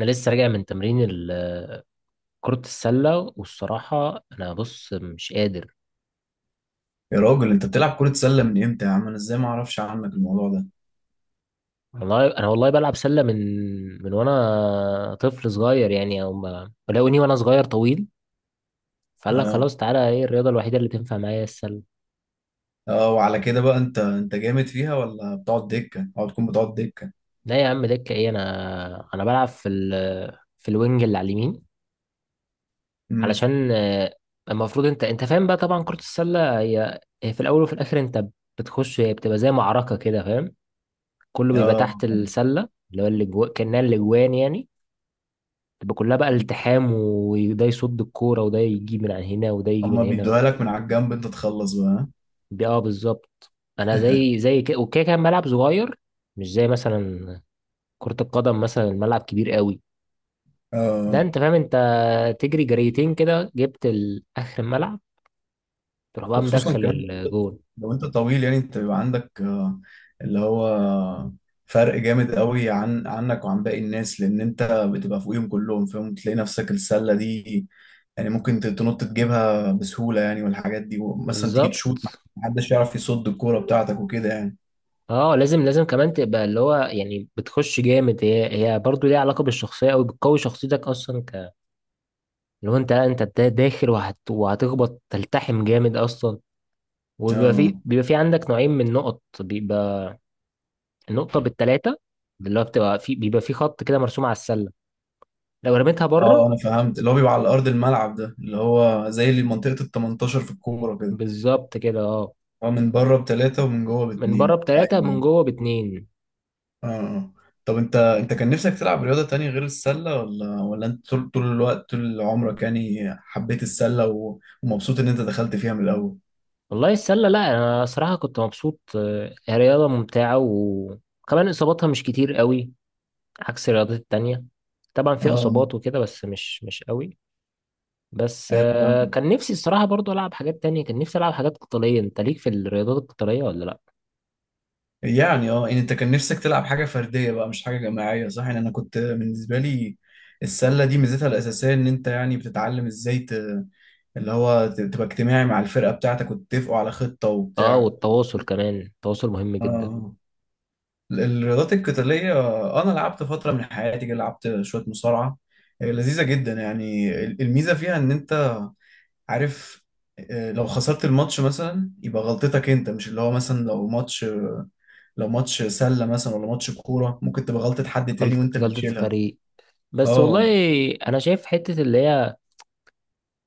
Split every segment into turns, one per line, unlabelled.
انا لسه راجع من تمرين كرة السلة، والصراحة انا بص مش قادر.
يا راجل، انت بتلعب كرة سلة من امتى يا عم؟ انا ازاي ما اعرفش عنك الموضوع ده؟
والله انا والله بلعب سلة من وانا طفل صغير، يعني او ما ولو وانا صغير طويل، فقال لك
اه،
خلاص تعالى، ايه الرياضة الوحيدة اللي تنفع معايا هي السلة.
اه، وعلى كده بقى انت جامد فيها ولا بتقعد دكة، او بتكون بتقعد دكة؟
لا يا عم، دكة ايه؟ انا بلعب في في الوينج اللي على اليمين،
امم.
علشان المفروض انت فاهم بقى، طبعا كرة السلة هي في الاول وفي الاخر انت بتخش، هي بتبقى زي معركة كده فاهم، كله بيبقى
اه،
تحت السلة اللي هو اللي جوا كأنها الاجوان يعني، تبقى كلها بقى التحام، وده يصد الكورة وده يجيب من عن هنا وده يجيب من
هما
هنا.
بيدوها لك من على الجنب انت تخلص بقى.
بالظبط. انا زي كده وكده كان ملعب صغير، مش زي مثلا كرة القدم، مثلا الملعب كبير قوي، لا
اه،
انت فاهم، انت تجري جريتين كده جبت اخر الملعب، تروح بقى
وخصوصا
مدخل
كمان
الجون.
لو انت طويل، يعني انت بيبقى عندك اللي هو فرق جامد قوي عن عنك وعن باقي الناس، لان انت بتبقى فوقيهم كلهم، فاهم؟ تلاقي نفسك السله دي يعني ممكن تنط تجيبها بسهولة يعني، والحاجات دي، ومثلا تيجي تشوت
بالظبط
محدش يعرف يصد الكورة بتاعتك وكده يعني.
اه، لازم كمان تبقى اللي هو يعني بتخش جامد، هي برضه ليها علاقه بالشخصيه قوي، بتقوي شخصيتك اصلا ك، اللي هو انت داخل وهتخبط تلتحم جامد اصلا، وبيبقى في
اه.
بيبقى في عندك نوعين من النقط، بيبقى النقطة بالتلاتة، اللي هو بتبقى في بيبقى في خط كده مرسوم على السلة لو رميتها
اه،
بره.
انا فهمت، اللي هو بيبقى على ارض الملعب ده اللي هو زي اللي منطقة ال 18 في الكورة كده.
بالظبط كده اه،
هو من بره بتلاتة ومن جوه
من بره
باتنين،
بتلاتة من
ايوه.
جوه باتنين.
اه، طب انت كان نفسك تلعب رياضة تانية غير السلة، ولا انت طول الوقت طول عمرك يعني حبيت السلة ومبسوط ان انت دخلت فيها من الاول؟
والله السلة، لا أنا صراحة كنت مبسوط، هي رياضة ممتعة وكمان إصاباتها مش كتير قوي عكس الرياضات التانية، طبعا فيها إصابات
اه،
وكده بس مش قوي. بس
ايوه، فاهم.
كان نفسي الصراحة برضو ألعب حاجات تانية، كان نفسي ألعب حاجات قتالية، أنت ليك في الرياضات القتالية ولا لأ؟
يعني يعني انت كان نفسك تلعب حاجه فرديه بقى، مش حاجه جماعيه، صح؟ يعني انا كنت بالنسبه لي، السله دي ميزتها الاساسيه ان انت يعني بتتعلم ازاي اللي هو تبقى اجتماعي مع الفرقه بتاعتك، وتتفقوا على خطه
اه،
وبتاع.
والتواصل كمان التواصل مهم جدا.
اه. الرياضات القتاليه، انا لعبت فتره من حياتي كده، لعبت شويه مصارعه. لذيذه جدا يعني. الميزه فيها ان انت عارف، لو خسرت الماتش مثلا يبقى غلطتك انت، مش اللي هو مثلا لو ماتش سله مثلا ولا ماتش كوره، ممكن تبقى غلطه حد تاني
غلطة
وانت اللي
غلطة
تشيلها.
الفريق، بس والله
اه.
أنا شايف حتة اللي هي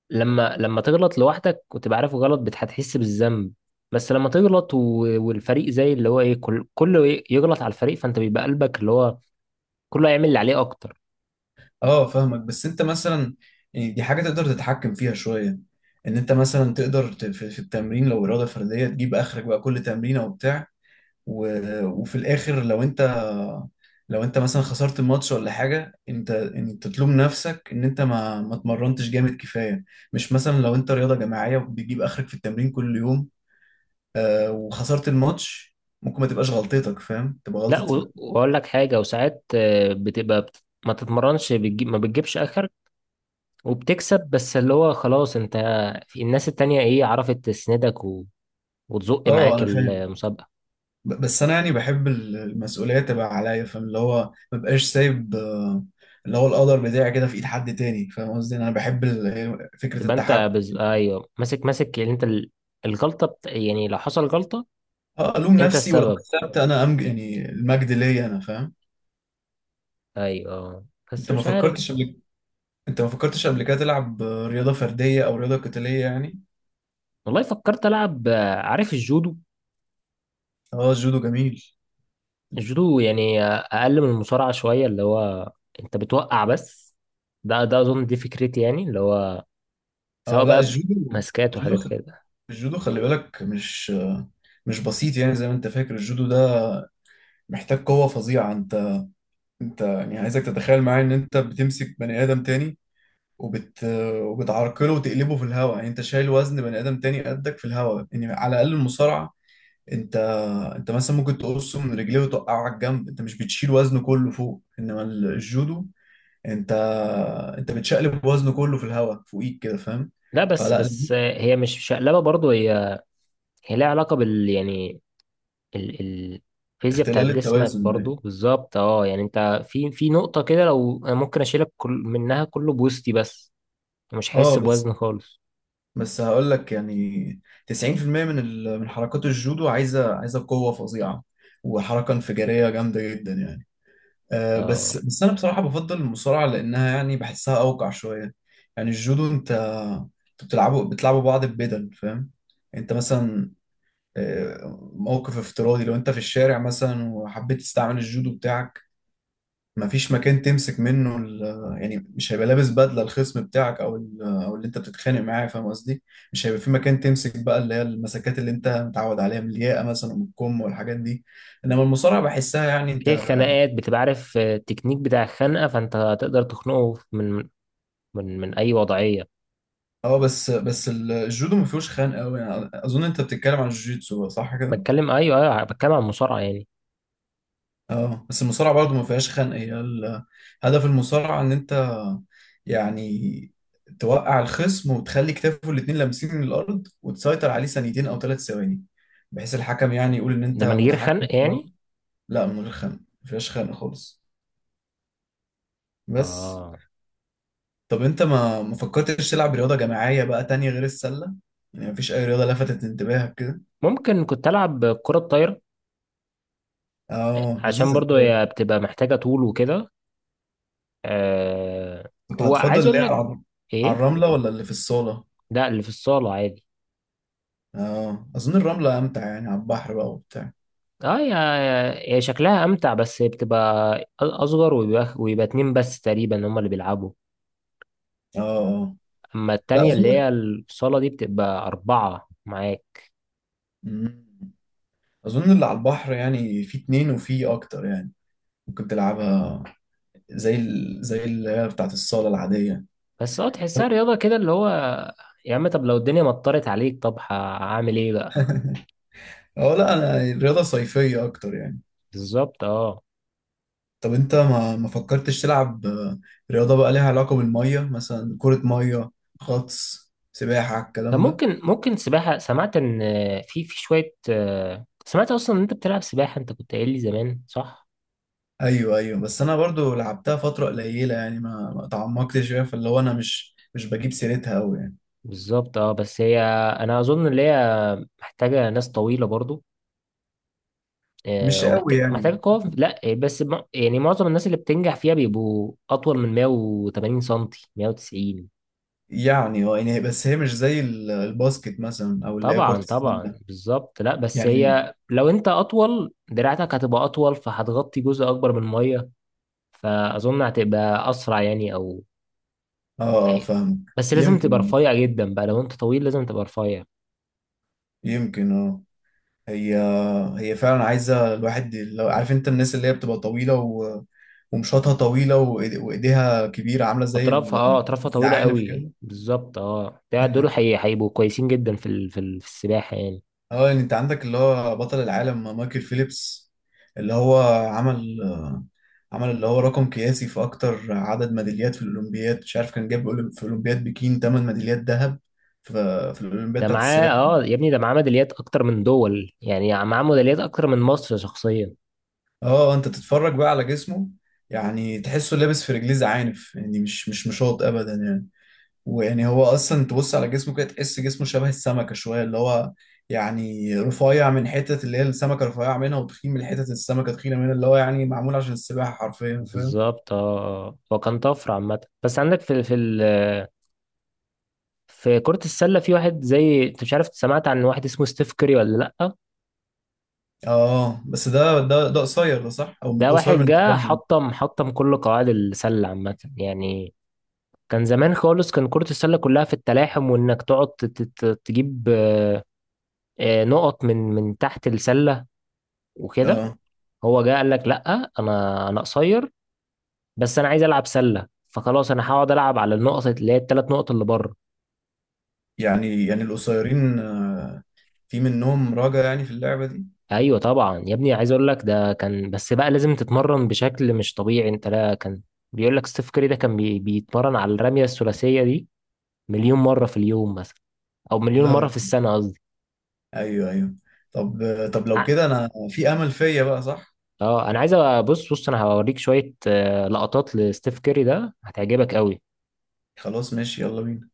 لما تغلط لوحدك وتبقى عارف غلط هتحس بالذنب، بس لما تغلط والفريق زي اللي هو إيه كله يغلط على الفريق، فأنت بيبقى قلبك اللي هو كله هيعمل اللي عليه أكتر.
اه، فاهمك، بس انت مثلا، يعني دي حاجه تقدر تتحكم فيها شويه، ان انت مثلا تقدر في التمرين لو اراده فرديه تجيب اخرك بقى كل تمرينه وبتاع، وفي الاخر لو انت، لو انت مثلا خسرت الماتش ولا حاجه، انت تلوم نفسك ان انت ما اتمرنتش جامد كفايه. مش مثلا لو انت رياضه جماعيه بتجيب اخرك في التمرين كل يوم وخسرت الماتش، ممكن ما تبقاش غلطتك، فاهم؟ تبقى
لا
غلطة.
وأقول لك حاجة، وساعات بتبقى ما تتمرنش، ما بتجيبش آخر، وبتكسب، بس اللي هو خلاص أنت، في الناس التانية إيه، عرفت تسندك وتزق
اه،
معاك
انا فاهم.
المسابقة.
بس انا يعني بحب المسؤوليه تبقى عليا، فاهم؟ اللي هو ما بقاش سايب اللي هو القدر بتاعي كده في ايد حد تاني، فاهم قصدي؟ انا بحب فكره
تبقى انت
التحكم.
ايوه، ماسك يعني انت الغلطه يعني لو حصل غلطه
اه، الوم
انت
نفسي، ولو
السبب،
كسبت انا امج، يعني المجد ليا انا، فاهم؟
ايوه. بس
انت ما
مش عارف.
فكرتش قبل انت ما فكرتش قبل كده تلعب رياضه فرديه او رياضه قتاليه يعني؟
والله فكرت العب عارف الجودو.
اه، الجودو جميل.
الجودو يعني اقل من المصارعه شويه، اللي هو انت بتوقع بس، ده اظن دي فكرتي يعني، اللي هو
اه،
سواء
لا،
بقى
الجودو،
ماسكات
الجودو
وحاجات
خ-
كده.
الجودو، خلي بالك، مش بسيط يعني زي ما انت فاكر. الجودو ده محتاج قوه فظيعه. انت يعني، عايزك تتخيل معايا ان انت بتمسك بني ادم تاني وبت وبتعرقله وتقلبه في الهواء، يعني انت شايل وزن بني ادم تاني قدك في الهواء. يعني على الاقل المصارعه، انت انت مثلا ممكن تقصه من رجليه وتوقعه على الجنب، انت مش بتشيل وزنه كله فوق. انما الجودو، انت انت بتشقلب وزنه كله في الهواء فوقيك كده، فاهم؟
لا بس
فلا،
بس
لذيذ.
آه، هي مش شقلبه برضو، هي لها علاقه بال، يعني ال- الفيزياء بتاعت
اختلال
جسمك
التوازن
برضو
يعني.
بالظبط اه، يعني انت في نقطة كده، لو انا ممكن اشيلك كل منها كله بوستي، بس مش هحس
اه،
بوزن خالص.
بس هقول لك يعني، 90% من من حركات الجودو عايزه قوه فظيعه، وحركه انفجاريه جامده جدا يعني.
اه،
بس انا بصراحه بفضل المصارعه، لانها يعني بحسها اوقع شويه. يعني الجودو انت بتلعبوا بعض ببدل، فاهم؟ انت مثلا موقف افتراضي لو انت في الشارع مثلا وحبيت تستعمل الجودو بتاعك، مفيش مكان تمسك منه يعني مش هيبقى لابس بدله الخصم بتاعك او او اللي انت بتتخانق معاه، فاهم قصدي؟ مش هيبقى في مكان تمسك بقى، اللي هي المسكات اللي انت متعود عليها من الياقه مثلا، ومن الكم والحاجات دي. انما المصارعه بحسها يعني، انت.
في خناقات بتبقى عارف التكنيك بتاع الخنقة، فانت هتقدر تخنقه من من اي وضعية.
اه، بس الجودو ما فيهوش خنق قوي، يعني اظن انت بتتكلم عن الجوجيتسو، صح كده؟
ايوه ايوه، بتكلم عن المصارعة يعني.
اه، بس المصارعة برضه ما فيهاش خنق، هي هدف المصارعة ان انت، يعني، توقع الخصم وتخلي كتافه الاتنين لامسين من الارض، وتسيطر عليه ثانيتين او 3 ثواني، بحيث الحكم يعني يقول ان انت
ده من غير
متحكم
خنق
في
يعني.
الوضع. لا، من غير خنق، ما فيهاش خنق خالص. بس.
اه
طب انت ما فكرتش تلعب رياضة جماعية بقى تانية غير السلة؟ يعني ما فيش اي رياضة لفتت انتباهك كده؟
ممكن كنت العب كرة الطايرة،
اه،
عشان
لذيذة
برضو
الطايرة.
هي بتبقى محتاجة طول وكده. آه
كنت هتفضل
وعايز
اللي
اقول
هي
لك
على
ايه،
الرملة ولا اللي في الصالة؟
لا اللي في الصالة عادي.
اه، اظن الرملة امتع يعني، على البحر بقى وبتاع.
اه، يا شكلها امتع، بس بتبقى اصغر ويبقى اتنين بس تقريبا هما اللي بيلعبوا،
اه، اه،
اما
لا،
التانية اللي
اظن.
هي الصالة دي بتبقى اربعة معاك.
مم. اظن اللي على البحر يعني في اتنين وفي اكتر يعني، ممكن تلعبها زي زي اللي هي بتاعت الصالة العادية.
بس اه تحسها رياضة كده اللي هو، يا عم طب لو الدنيا مطرت عليك طب هعمل ايه بقى؟
اه، لا، انا الرياضة صيفية اكتر يعني.
بالظبط اه.
طب انت ما فكرتش تلعب رياضة بقى ليها علاقة بالمية، مثلا كرة مية، غطس، سباحة،
طب
الكلام ده؟
ممكن سباحة، سمعت ان في شوية سمعت اصلا ان انت بتلعب سباحة، انت كنت قايل لي زمان صح.
ايوه، ايوه، بس انا برضو لعبتها فترة قليلة يعني، ما تعمقتش فيها، فاللي هو انا مش بجيب سيرتها قوي يعني.
بالظبط اه، بس هي انا اظن ان هي محتاجة ناس طويلة برضو،
مش قوي
ومحتاج
يعني.
قوة، لا بس يعني معظم الناس اللي بتنجح فيها بيبقوا أطول من 180 سنتي 190.
يعني يعني بس هي مش زي الباسكت مثلا، او اللي هي كرة
طبعا طبعا
السلة.
بالظبط. لا بس
يعني
هي لو أنت أطول دراعتك هتبقى أطول فهتغطي جزء أكبر من المية، فأظن هتبقى أسرع يعني أو
اه
يعني،
فاهم.
بس لازم
يمكن
تبقى
اه
رفيع جدا بقى، لو أنت طويل لازم تبقى رفيع.
يمكن هي هي فعلا عايزة الواحد، لو عارف انت، الناس اللي هي بتبقى طويلة ومشاطها طويلة، وايديها كبيرة، عاملة زي
أطرافها طويلة
الزعانف
قوي
كده.
بالظبط أه، ده دول هيبقوا كويسين جدا في في السباحة يعني.
اه، يعني انت عندك اللي هو بطل العالم مايكل فيليبس، اللي هو عمل عمل اللي هو رقم قياسي في اكتر عدد ميداليات في الاولمبياد. مش عارف، كان جاب في اولمبياد بكين 8 ميداليات ذهب، في في الاولمبياد
ده
بتاعت
معاه
السباحه.
يا ابني، ده معاه ميداليات اكتر من دول يعني، معاه ميداليات اكتر من مصر شخصيا.
اه، انت تتفرج بقى على جسمه، يعني تحسه لابس في رجليه زعانف، يعني مش مشاط ابدا يعني. ويعني هو اصلا، تبص على جسمه كده، تحس جسمه شبه السمكه شويه، اللي هو يعني رفيع من حتت اللي هي السمكه رفيعه منها، وتخين من حتت السمكه تخينه منها، اللي هو يعني معمول عشان السباحه حرفيا، فاهم؟
بالظبط اه، هو كان طفره عامه بس، عندك في كرة السلة في واحد زي انت مش عارف، سمعت عن واحد اسمه ستيف كيري ولا لأ؟
اه، بس ده قصير، ده صح؟ او
ده
قصير
واحد
بالنسبه
جه
لهم.
حطم كل قواعد السلة عامة يعني، كان زمان خالص كان كرة السلة كلها في التلاحم، وانك تقعد تجيب نقط من تحت السلة وكده.
اه،
هو جه قال لك لأ، انا قصير، بس انا عايز العب سله، فخلاص انا هقعد العب على النقط اللي هي الثلاث نقط اللي بره.
يعني القصيرين في منهم راجع يعني في اللعبه دي.
ايوه طبعا يا ابني، عايز اقول لك ده كان بس بقى لازم تتمرن بشكل مش طبيعي انت، لا كان بيقول لك ستيف كاري ده كان بيتمرن على الرميه الثلاثيه دي مليون مره في اليوم مثلا، او مليون
لا يا
مره في
رب.
السنه قصدي.
ايوه، ايوه. طب طب لو
ع-
كده انا في امل فيا بقى، صح؟
اه انا عايز بص بص، انا هوريك شويه لقطات لستيف كاري ده، هتعجبك قوي.
خلاص، ماشي، يلا بينا.